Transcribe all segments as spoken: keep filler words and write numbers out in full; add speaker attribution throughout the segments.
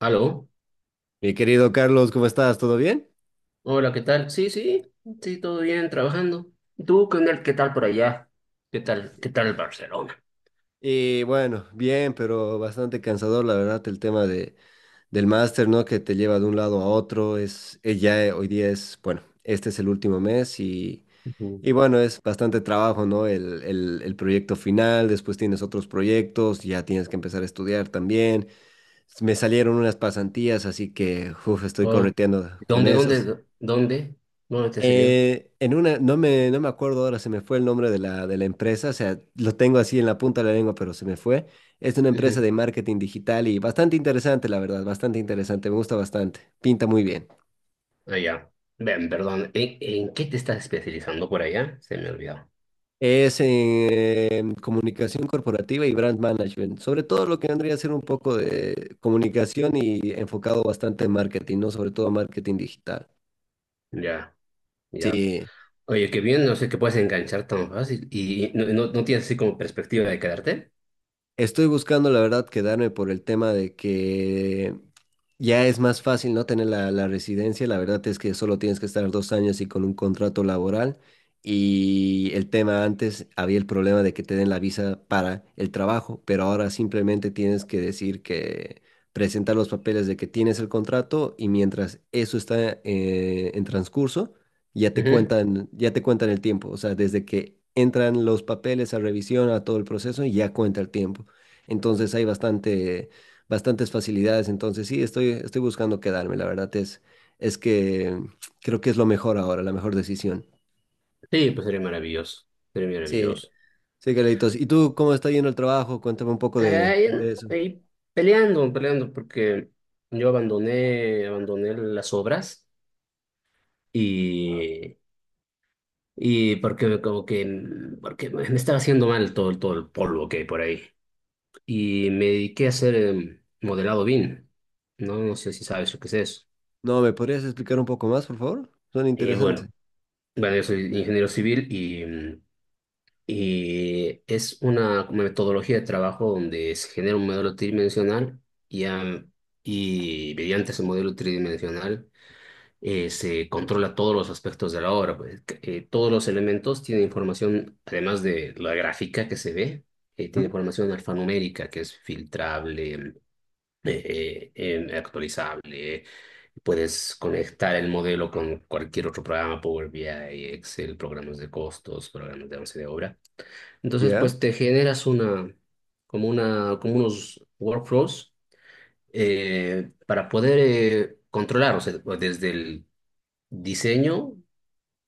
Speaker 1: Aló,
Speaker 2: Mi querido Carlos, ¿cómo estás? ¿Todo bien?
Speaker 1: hola, ¿qué tal? Sí, sí, sí, todo bien, trabajando. ¿Tú qué onda? ¿Qué tal por allá? ¿Qué tal? ¿Qué tal Barcelona?
Speaker 2: Y bueno, bien, pero bastante cansador, la verdad, el tema de, del máster, ¿no? Que te lleva de un lado a otro. Es, eh, ya eh, Hoy día es, bueno, este es el último mes y,
Speaker 1: Ujú.
Speaker 2: y bueno, es bastante trabajo, ¿no? El, el, el proyecto final, después tienes otros proyectos, ya tienes que empezar a estudiar también. Me salieron unas pasantías, así que, uf, estoy
Speaker 1: Oh,
Speaker 2: correteando con
Speaker 1: ¿dónde,
Speaker 2: eso. Sí.
Speaker 1: dónde, dónde? ¿Dónde te salió?
Speaker 2: Eh, en una, no me, no me acuerdo ahora, se me fue el nombre de la, de la empresa, o sea, lo tengo así en la punta de la lengua, pero se me fue. Es una empresa
Speaker 1: Ujú.
Speaker 2: de marketing digital y bastante interesante, la verdad, bastante interesante, me gusta bastante, pinta muy bien.
Speaker 1: Allá. Ven, perdón, ¿en, en qué te estás especializando por allá? Se me olvidó.
Speaker 2: Es en comunicación corporativa y brand management, sobre todo lo que vendría a ser un poco de comunicación y enfocado bastante en marketing, ¿no? Sobre todo marketing digital.
Speaker 1: Ya, ya.
Speaker 2: Sí,
Speaker 1: Oye, qué bien, no sé qué puedes enganchar tan fácil. ¿Y no, no, no tienes así como perspectiva de quedarte?
Speaker 2: estoy buscando, la verdad, quedarme por el tema de que ya es más fácil no tener la, la residencia. La verdad es que solo tienes que estar dos años y con un contrato laboral. Y el tema antes había el problema de que te den la visa para el trabajo, pero ahora simplemente tienes que decir que presentar los papeles de que tienes el contrato y mientras eso está eh, en transcurso, ya te
Speaker 1: Ujú.
Speaker 2: cuentan, ya te cuentan el tiempo. O sea, desde que entran los papeles a revisión, a todo el proceso, ya cuenta el tiempo. Entonces hay bastante, bastantes facilidades. Entonces sí, estoy, estoy buscando quedarme. La verdad es, es que creo que es lo mejor ahora, la mejor decisión.
Speaker 1: Sí, pues sería maravilloso. Sería
Speaker 2: Sí,
Speaker 1: maravilloso.
Speaker 2: sí, Carlitos. ¿Y tú cómo está yendo el trabajo? Cuéntame un poco de,
Speaker 1: Ahí,
Speaker 2: de eso.
Speaker 1: ahí peleando, peleando, porque yo abandoné, abandoné las obras y, y porque como que mm, porque me estaba haciendo mal todo, todo el polvo que hay por ahí. Y me dediqué a hacer em, modelado B I M. No, no sé si sabes lo que es eso.
Speaker 2: No, ¿me podrías explicar un poco más, por favor? Son
Speaker 1: Eh, bueno,
Speaker 2: interesantes.
Speaker 1: bueno, yo soy ingeniero civil y, mm, y es una como metodología de trabajo donde se genera un modelo tridimensional y, am, y mediante ese modelo tridimensional eh, se controla todos los aspectos de la obra. Pues, eh, todos los elementos tienen información, además de la gráfica que se ve, eh, tiene
Speaker 2: Ujú.
Speaker 1: información alfanumérica que es filtrable, eh, eh, eh, actualizable. Puedes conectar el modelo con cualquier otro programa, Power B I, Excel, programas de costos, programas de avance de obra. Entonces,
Speaker 2: ¿Ya?
Speaker 1: pues te generas una, como una, como unos workflows eh, para poder eh, controlar, o sea, desde el diseño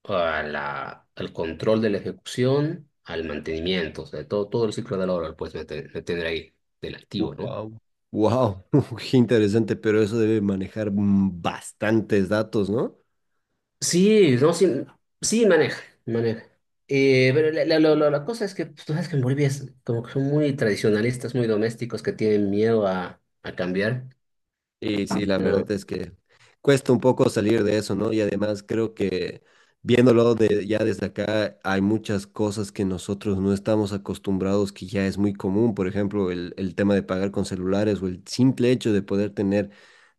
Speaker 1: a la- al control de la ejecución, al mantenimiento, o sea, todo, todo el ciclo de la obra, pues me, te- me tendré ahí del activo, ¿no?
Speaker 2: Wow. Wow, qué interesante, pero eso debe manejar mm, bastantes datos, ¿no?
Speaker 1: Sí, no, sí, sí, maneja, maneja. Eh, pero la, la, la- la- la cosa es que pues, tú sabes que en Bolivia es como que son muy tradicionalistas, muy domésticos, que tienen miedo a, a cambiar.
Speaker 2: Y sí, la verdad
Speaker 1: No,
Speaker 2: es que cuesta un poco salir de eso, ¿no? Y además creo que viéndolo de, ya desde acá, hay muchas cosas que nosotros no estamos acostumbrados, que ya es muy común. Por ejemplo, el, el tema de pagar con celulares o el simple hecho de poder tener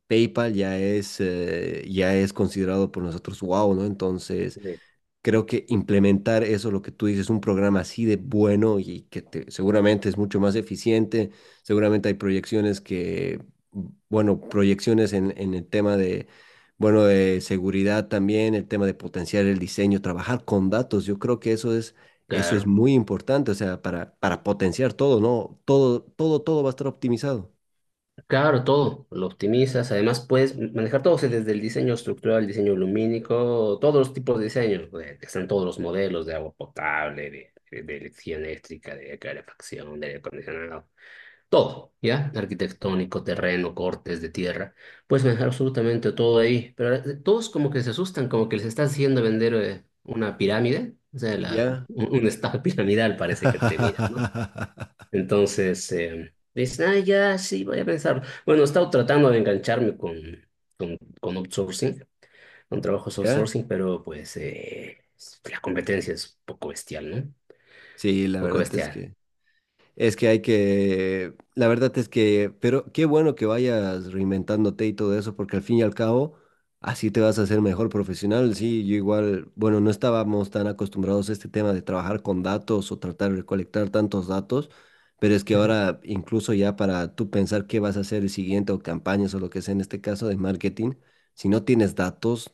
Speaker 2: PayPal ya es, eh, ya es considerado por nosotros wow, ¿no? Entonces
Speaker 1: sí.
Speaker 2: creo que implementar eso, lo que tú dices, un programa así de bueno y que te- seguramente es mucho más eficiente, seguramente hay proyecciones que, bueno, proyecciones en, en el tema de, bueno, de seguridad también, el tema de potenciar el diseño, trabajar con datos, yo creo que eso es, eso es
Speaker 1: Claro.
Speaker 2: muy importante, o sea, para, para potenciar todo, ¿no? Todo, todo, todo va a estar optimizado.
Speaker 1: Claro, todo, lo optimizas, además puedes manejar todo, o sea, desde el diseño estructural, el diseño lumínico, todos los tipos de diseños, eh, están todos los modelos de agua potable, de, de, de electricidad eléctrica, de calefacción, de aire acondicionado, todo, ¿ya? Arquitectónico, terreno, cortes de tierra, puedes manejar absolutamente todo ahí, pero eh, todos como que se asustan, como que les estás haciendo vender eh, una pirámide, o sea, la,
Speaker 2: Ya,
Speaker 1: un, un estado piramidal parece que te miran, ¿no? Entonces, eh, dices, ah, ya, sí, voy a pensar. Bueno, he estado tratando de engancharme con, con, con outsourcing, con trabajos
Speaker 2: ya,
Speaker 1: outsourcing, pero pues eh, la competencia es un poco bestial, ¿no? Un
Speaker 2: sí, la
Speaker 1: poco
Speaker 2: verdad es
Speaker 1: bestial.
Speaker 2: que... Es que hay que, la verdad es que, pero qué bueno que vayas reinventándote y todo eso, porque al fin y al cabo, así te vas a hacer mejor profesional. Sí, yo igual, bueno, no estábamos tan acostumbrados a este tema de trabajar con datos o tratar de recolectar tantos datos, pero es que ahora incluso ya para tú pensar qué vas a hacer el siguiente o campañas o lo que sea en este caso de marketing, si no tienes datos,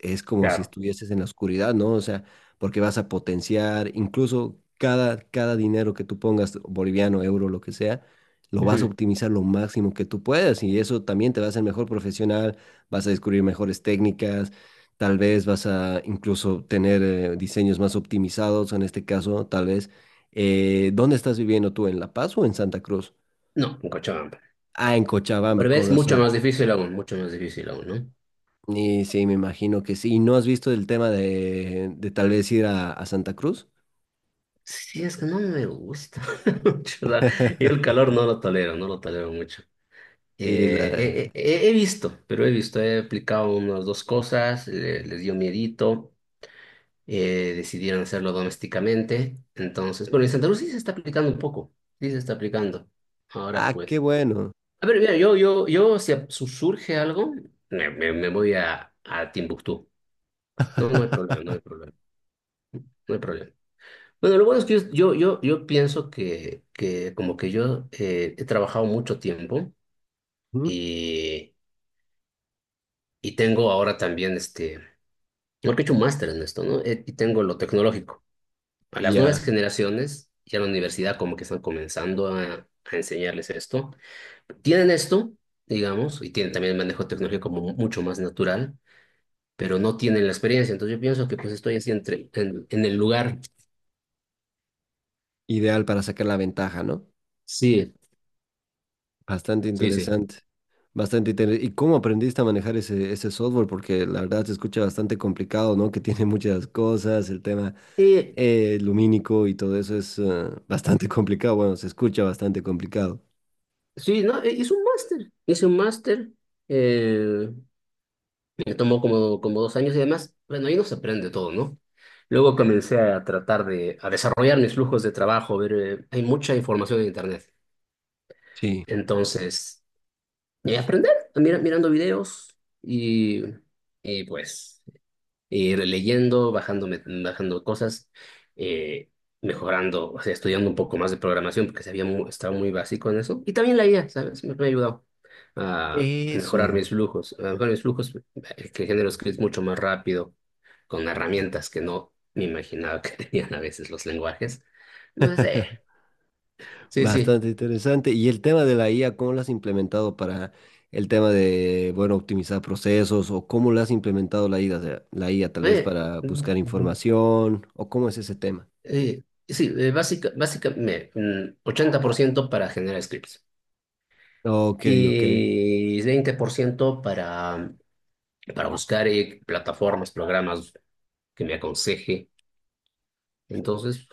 Speaker 2: es como si
Speaker 1: Claro.
Speaker 2: estuvieses en la oscuridad, ¿no? O sea, porque vas a potenciar incluso cada, cada dinero que tú pongas, boliviano, euro, lo que sea, lo vas a
Speaker 1: Ujú.
Speaker 2: optimizar lo máximo que tú puedas y eso también te va a hacer mejor profesional, vas a descubrir mejores técnicas, tal vez vas a incluso tener eh, diseños más optimizados, en este caso, tal vez. Eh, ¿dónde estás viviendo tú? ¿En La Paz o en Santa Cruz?
Speaker 1: No, en Cochabamba.
Speaker 2: Ah, en Cochabamba,
Speaker 1: Pero
Speaker 2: con
Speaker 1: ves, mucho
Speaker 2: razón.
Speaker 1: más difícil aún, mucho más difícil aún, ¿no?
Speaker 2: Y sí, me imagino que sí. ¿Y no has visto el tema de, de tal vez ir a, a Santa Cruz?
Speaker 1: Sí, es que no me gusta mucho. O sea, yo el calor no lo tolero, no lo tolero mucho.
Speaker 2: Y la-
Speaker 1: Eh, he, he- he visto, pero he visto, he aplicado unas dos cosas, le- les dio miedito. eh, decidieron hacerlo domésticamente. Entonces, bueno, en Santa Cruz sí se está aplicando un poco, sí se está aplicando. Ahora
Speaker 2: Ah, qué
Speaker 1: pues.
Speaker 2: bueno.
Speaker 1: A ver, mira, yo, yo, yo, si a- su- surge algo, me, me- me voy a, a Timbuktu. No, no hay problema, no hay problema, no hay problema. Bueno, lo bueno es que yo, yo, yo, yo pienso que, que como que yo eh, he trabajado mucho tiempo
Speaker 2: Ujú.
Speaker 1: y, y tengo ahora también este, porque he hecho un máster en esto, ¿no? Eh, Y tengo lo tecnológico. A las nuevas
Speaker 2: Ya,
Speaker 1: generaciones y a la universidad como que están comenzando a, a enseñarles esto. Tienen esto, digamos, y tienen también el manejo tecnológico como mucho más natural, pero no tienen la experiencia. Entonces yo pienso que pues estoy así entre, en, en el lugar.
Speaker 2: ideal para sacar la ventaja, ¿no?
Speaker 1: Sí,
Speaker 2: Bastante
Speaker 1: sí, sí.
Speaker 2: interesante. Bastante interesante. ¿Y cómo aprendiste a manejar ese, ese software? Porque la verdad se escucha bastante complicado, ¿no? Que tiene muchas cosas, el tema
Speaker 1: Eh,
Speaker 2: eh, lumínico y todo eso es eh, bastante complicado. Bueno, se escucha bastante complicado.
Speaker 1: sí, no, eh, hice un máster, hice un máster, eh, me tomó como, como dos años y además, bueno, ahí no se aprende todo, ¿no? Luego comencé a tratar de, a desarrollar mis flujos de trabajo, ver, eh, hay mucha información en Internet.
Speaker 2: Sí.
Speaker 1: Entonces, y aprender, mira- mirando videos y, y, pues ir leyendo, bajándome, bajando cosas, eh, mejorando, o sea, estudiando un poco más de programación, porque sabía mu- estaba muy básico en eso. Y también la I A, ¿sabes? Me, me ha ayudado a mejorar mis
Speaker 2: Eso.
Speaker 1: flujos, a mejorar mis flujos, eh, que genero scripts mucho más rápido, con herramientas que no me imaginaba que tenían a veces los lenguajes. No sé, sí, sí.
Speaker 2: Bastante interesante. Y el tema de la I A, ¿cómo lo has implementado para el tema de, bueno, optimizar procesos o cómo lo has implementado la I A? O sea, la I A tal vez
Speaker 1: Oye,
Speaker 2: para buscar información o cómo es ese tema?
Speaker 1: Eh, sí, eh, básica, básicamente mm, ochenta por ciento para generar scripts
Speaker 2: Ok, ok.
Speaker 1: y veinte por ciento para, para buscar eh, plataformas, programas que me aconseje. Entonces,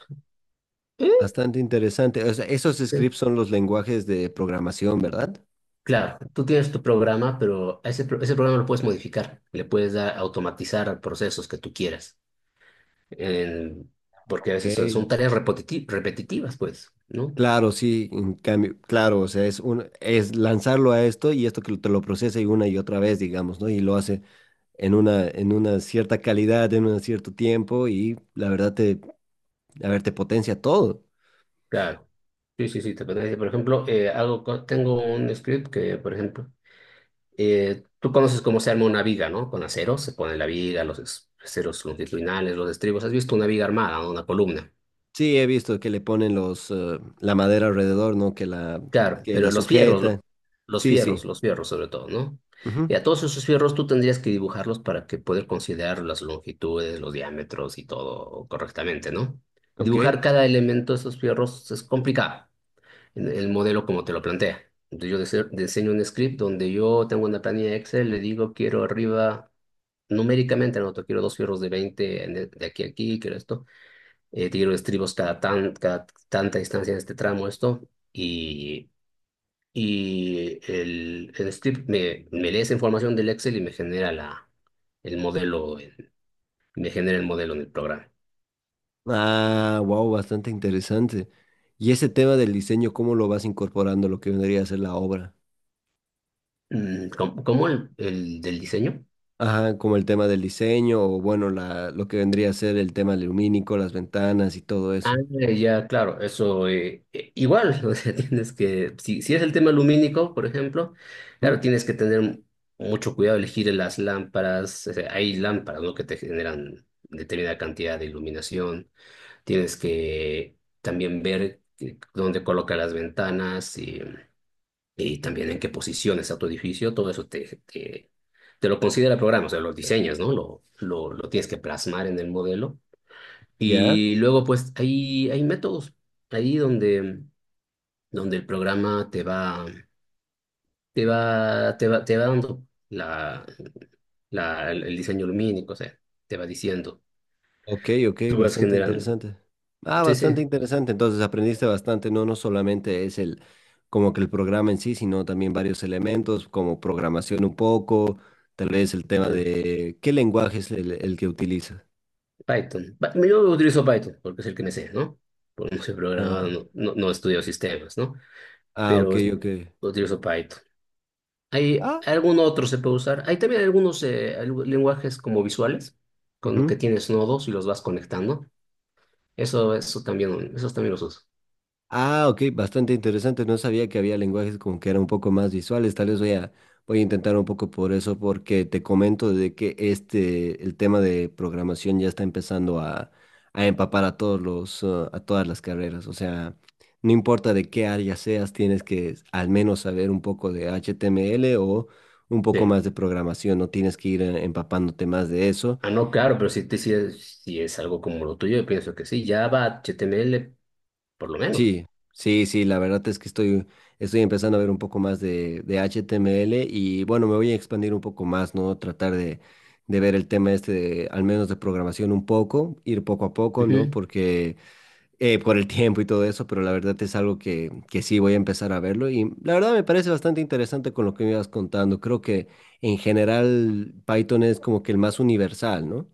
Speaker 1: eh,
Speaker 2: Bastante interesante. O sea, esos
Speaker 1: sí.
Speaker 2: scripts son los lenguajes de programación, ¿verdad?
Speaker 1: Claro, tú tienes tu programa, pero a ese, pro- ese programa lo puedes modificar, le puedes dar, automatizar procesos que tú quieras, en- porque a
Speaker 2: Ok.
Speaker 1: veces son, son tareas repetiti- repetitivas, pues, ¿no?
Speaker 2: Claro, sí, en cambio, claro, o sea, es un, es lanzarlo a esto y esto que te lo procesa y una y otra vez, digamos, ¿no? Y lo hace en una, en una cierta calidad, en un cierto tiempo y la verdad te, a ver, te potencia todo.
Speaker 1: Claro. Sí, sí, sí, te parece. Por ejemplo, eh, hago co- tengo un script que, por ejemplo, Eh, tú conoces cómo se arma una viga, ¿no? Con aceros, se pone la viga, los es- aceros longitudinales, los estribos. ¿Has visto una viga armada, no? Una columna.
Speaker 2: Sí, he visto que le ponen los, eh, la madera alrededor, ¿no? Que la,
Speaker 1: Claro,
Speaker 2: que la
Speaker 1: pero los fierros,
Speaker 2: sujeta.
Speaker 1: lo- los
Speaker 2: Sí, sí.
Speaker 1: fierros, los fierros sobre todo, ¿no? Y
Speaker 2: Ujú.
Speaker 1: a todos esos fierros tú tendrías que dibujarlos para que poder considerar las longitudes, los diámetros y todo correctamente, ¿no? Y
Speaker 2: Ok.
Speaker 1: dibujar cada elemento de esos fierros es complicado en el modelo como te lo plantea. Entonces yo dise- diseño un script donde yo tengo una planilla de Excel, le digo quiero arriba numéricamente, anoto quiero dos fierros de veinte en el- de aquí a aquí, quiero esto, eh, quiero estribos cada, tan, cada tanta distancia en este tramo, esto, y, y el, el script me, me lee esa información del Excel y me genera la, el modelo, en- me genera el modelo en el programa.
Speaker 2: Ah, wow, bastante interesante. Y ese tema del diseño, ¿cómo lo vas incorporando a lo que vendría a ser la obra?
Speaker 1: Mm, ¿Cómo, cómo el, el del diseño?
Speaker 2: Ajá, como el tema del diseño o bueno, la, lo que vendría a ser el tema lumínico, las ventanas y todo
Speaker 1: Ah,
Speaker 2: eso.
Speaker 1: ya, claro, eso eh, eh, igual, o sea, tienes que, si, si es el tema lumínico, por ejemplo,
Speaker 2: Ujú.
Speaker 1: claro, tienes que tener mucho cuidado elegir las lámparas, o sea, hay lámparas, ¿no? Que te generan determinada cantidad de iluminación, tienes que también ver que- dónde coloca las ventanas y, y también en qué posición está tu edificio, todo eso te, te, te lo considera el programa, o sea, los diseños, ¿no? Lo, lo, lo tienes que plasmar en el modelo
Speaker 2: ¿Ya?
Speaker 1: y luego, pues, hay, hay métodos ahí donde, donde el programa te va, te va, te va, te va dando la, la, el diseño lumínico, o sea, te va diciendo,
Speaker 2: Ok, ok,
Speaker 1: tú vas
Speaker 2: bastante
Speaker 1: generándolo.
Speaker 2: interesante. Ah,
Speaker 1: Sí, sí,
Speaker 2: bastante interesante. Entonces aprendiste bastante, no, no solamente es el como que el programa en sí, sino también varios elementos como programación un poco, tal vez el tema
Speaker 1: bueno,
Speaker 2: de qué lenguaje es el, el que utiliza.
Speaker 1: Python. Pa- Yo utilizo Python porque es el que me sé, ¿no? Porque no soy
Speaker 2: Ah,
Speaker 1: programador, no, no, no estudio sistemas, ¿no?
Speaker 2: ah, ok,
Speaker 1: Pero
Speaker 2: ok.
Speaker 1: utilizo Python. ¿Hay
Speaker 2: Ah,
Speaker 1: algún otro se puede usar? Hay también algunos eh, algu- lenguajes como visuales, con que
Speaker 2: ujú.
Speaker 1: tienes nodos y los vas conectando. Eso, eso también, esos también los uso.
Speaker 2: Ah, ok, bastante interesante. No sabía que había lenguajes como que eran un poco más visuales. Tal vez voy a, voy a intentar un poco por eso, porque te comento de que este, el tema de programación ya está empezando a, a empapar a todos los, uh, a todas las carreras. O sea, no importa de qué área seas, tienes que al menos saber un poco de H T M L o un poco
Speaker 1: Sí.
Speaker 2: más de programación. No tienes que ir eh, empapándote más de eso.
Speaker 1: Ah, no, claro, pero si, te- si, es, si es algo como lo tuyo, yo pienso que sí, Java, H T M L, por lo menos.
Speaker 2: Sí, sí, sí, la verdad es que estoy, estoy empezando a ver un poco más de, de H T M L y bueno, me voy a expandir un poco más, ¿no? Tratar de, de ver el tema este, de- al menos de programación un poco, ir poco a poco, ¿no?
Speaker 1: Ujú.
Speaker 2: Porque eh, por el tiempo y todo eso, pero la verdad es algo que, que sí voy a empezar a verlo y la verdad me parece bastante interesante con lo que me ibas contando. Creo que en general Python es como que el más universal, ¿no?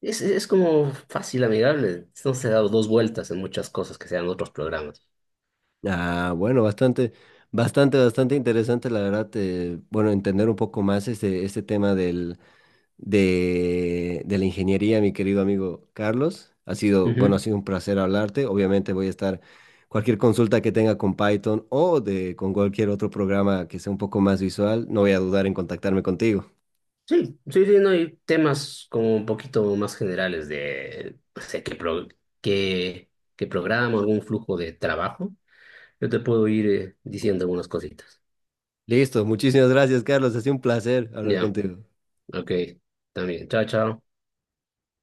Speaker 1: Es, es como fácil, amigable. No se ha dado dos vueltas en muchas cosas que sean otros programas.
Speaker 2: Ah, bueno, bastante, bastante, bastante interesante, la verdad, eh, bueno, entender un poco más este, este tema del, de, de la ingeniería, mi querido amigo Carlos. Ha sido, bueno, ha
Speaker 1: Ujú.
Speaker 2: sido un placer hablarte. Obviamente voy a estar, cualquier consulta que tenga con Python o de, con cualquier otro programa que sea un poco más visual, no voy a dudar en contactarme contigo.
Speaker 1: Sí, sí, sí, no hay temas como un poquito más generales de, no sé, qué, pro- qué, qué programa, algún flujo de trabajo. Yo te puedo ir eh, diciendo algunas cositas.
Speaker 2: Listo, muchísimas gracias, Carlos. Ha sido un placer hablar
Speaker 1: Ya,
Speaker 2: contigo.
Speaker 1: ok, también. Chao, chao.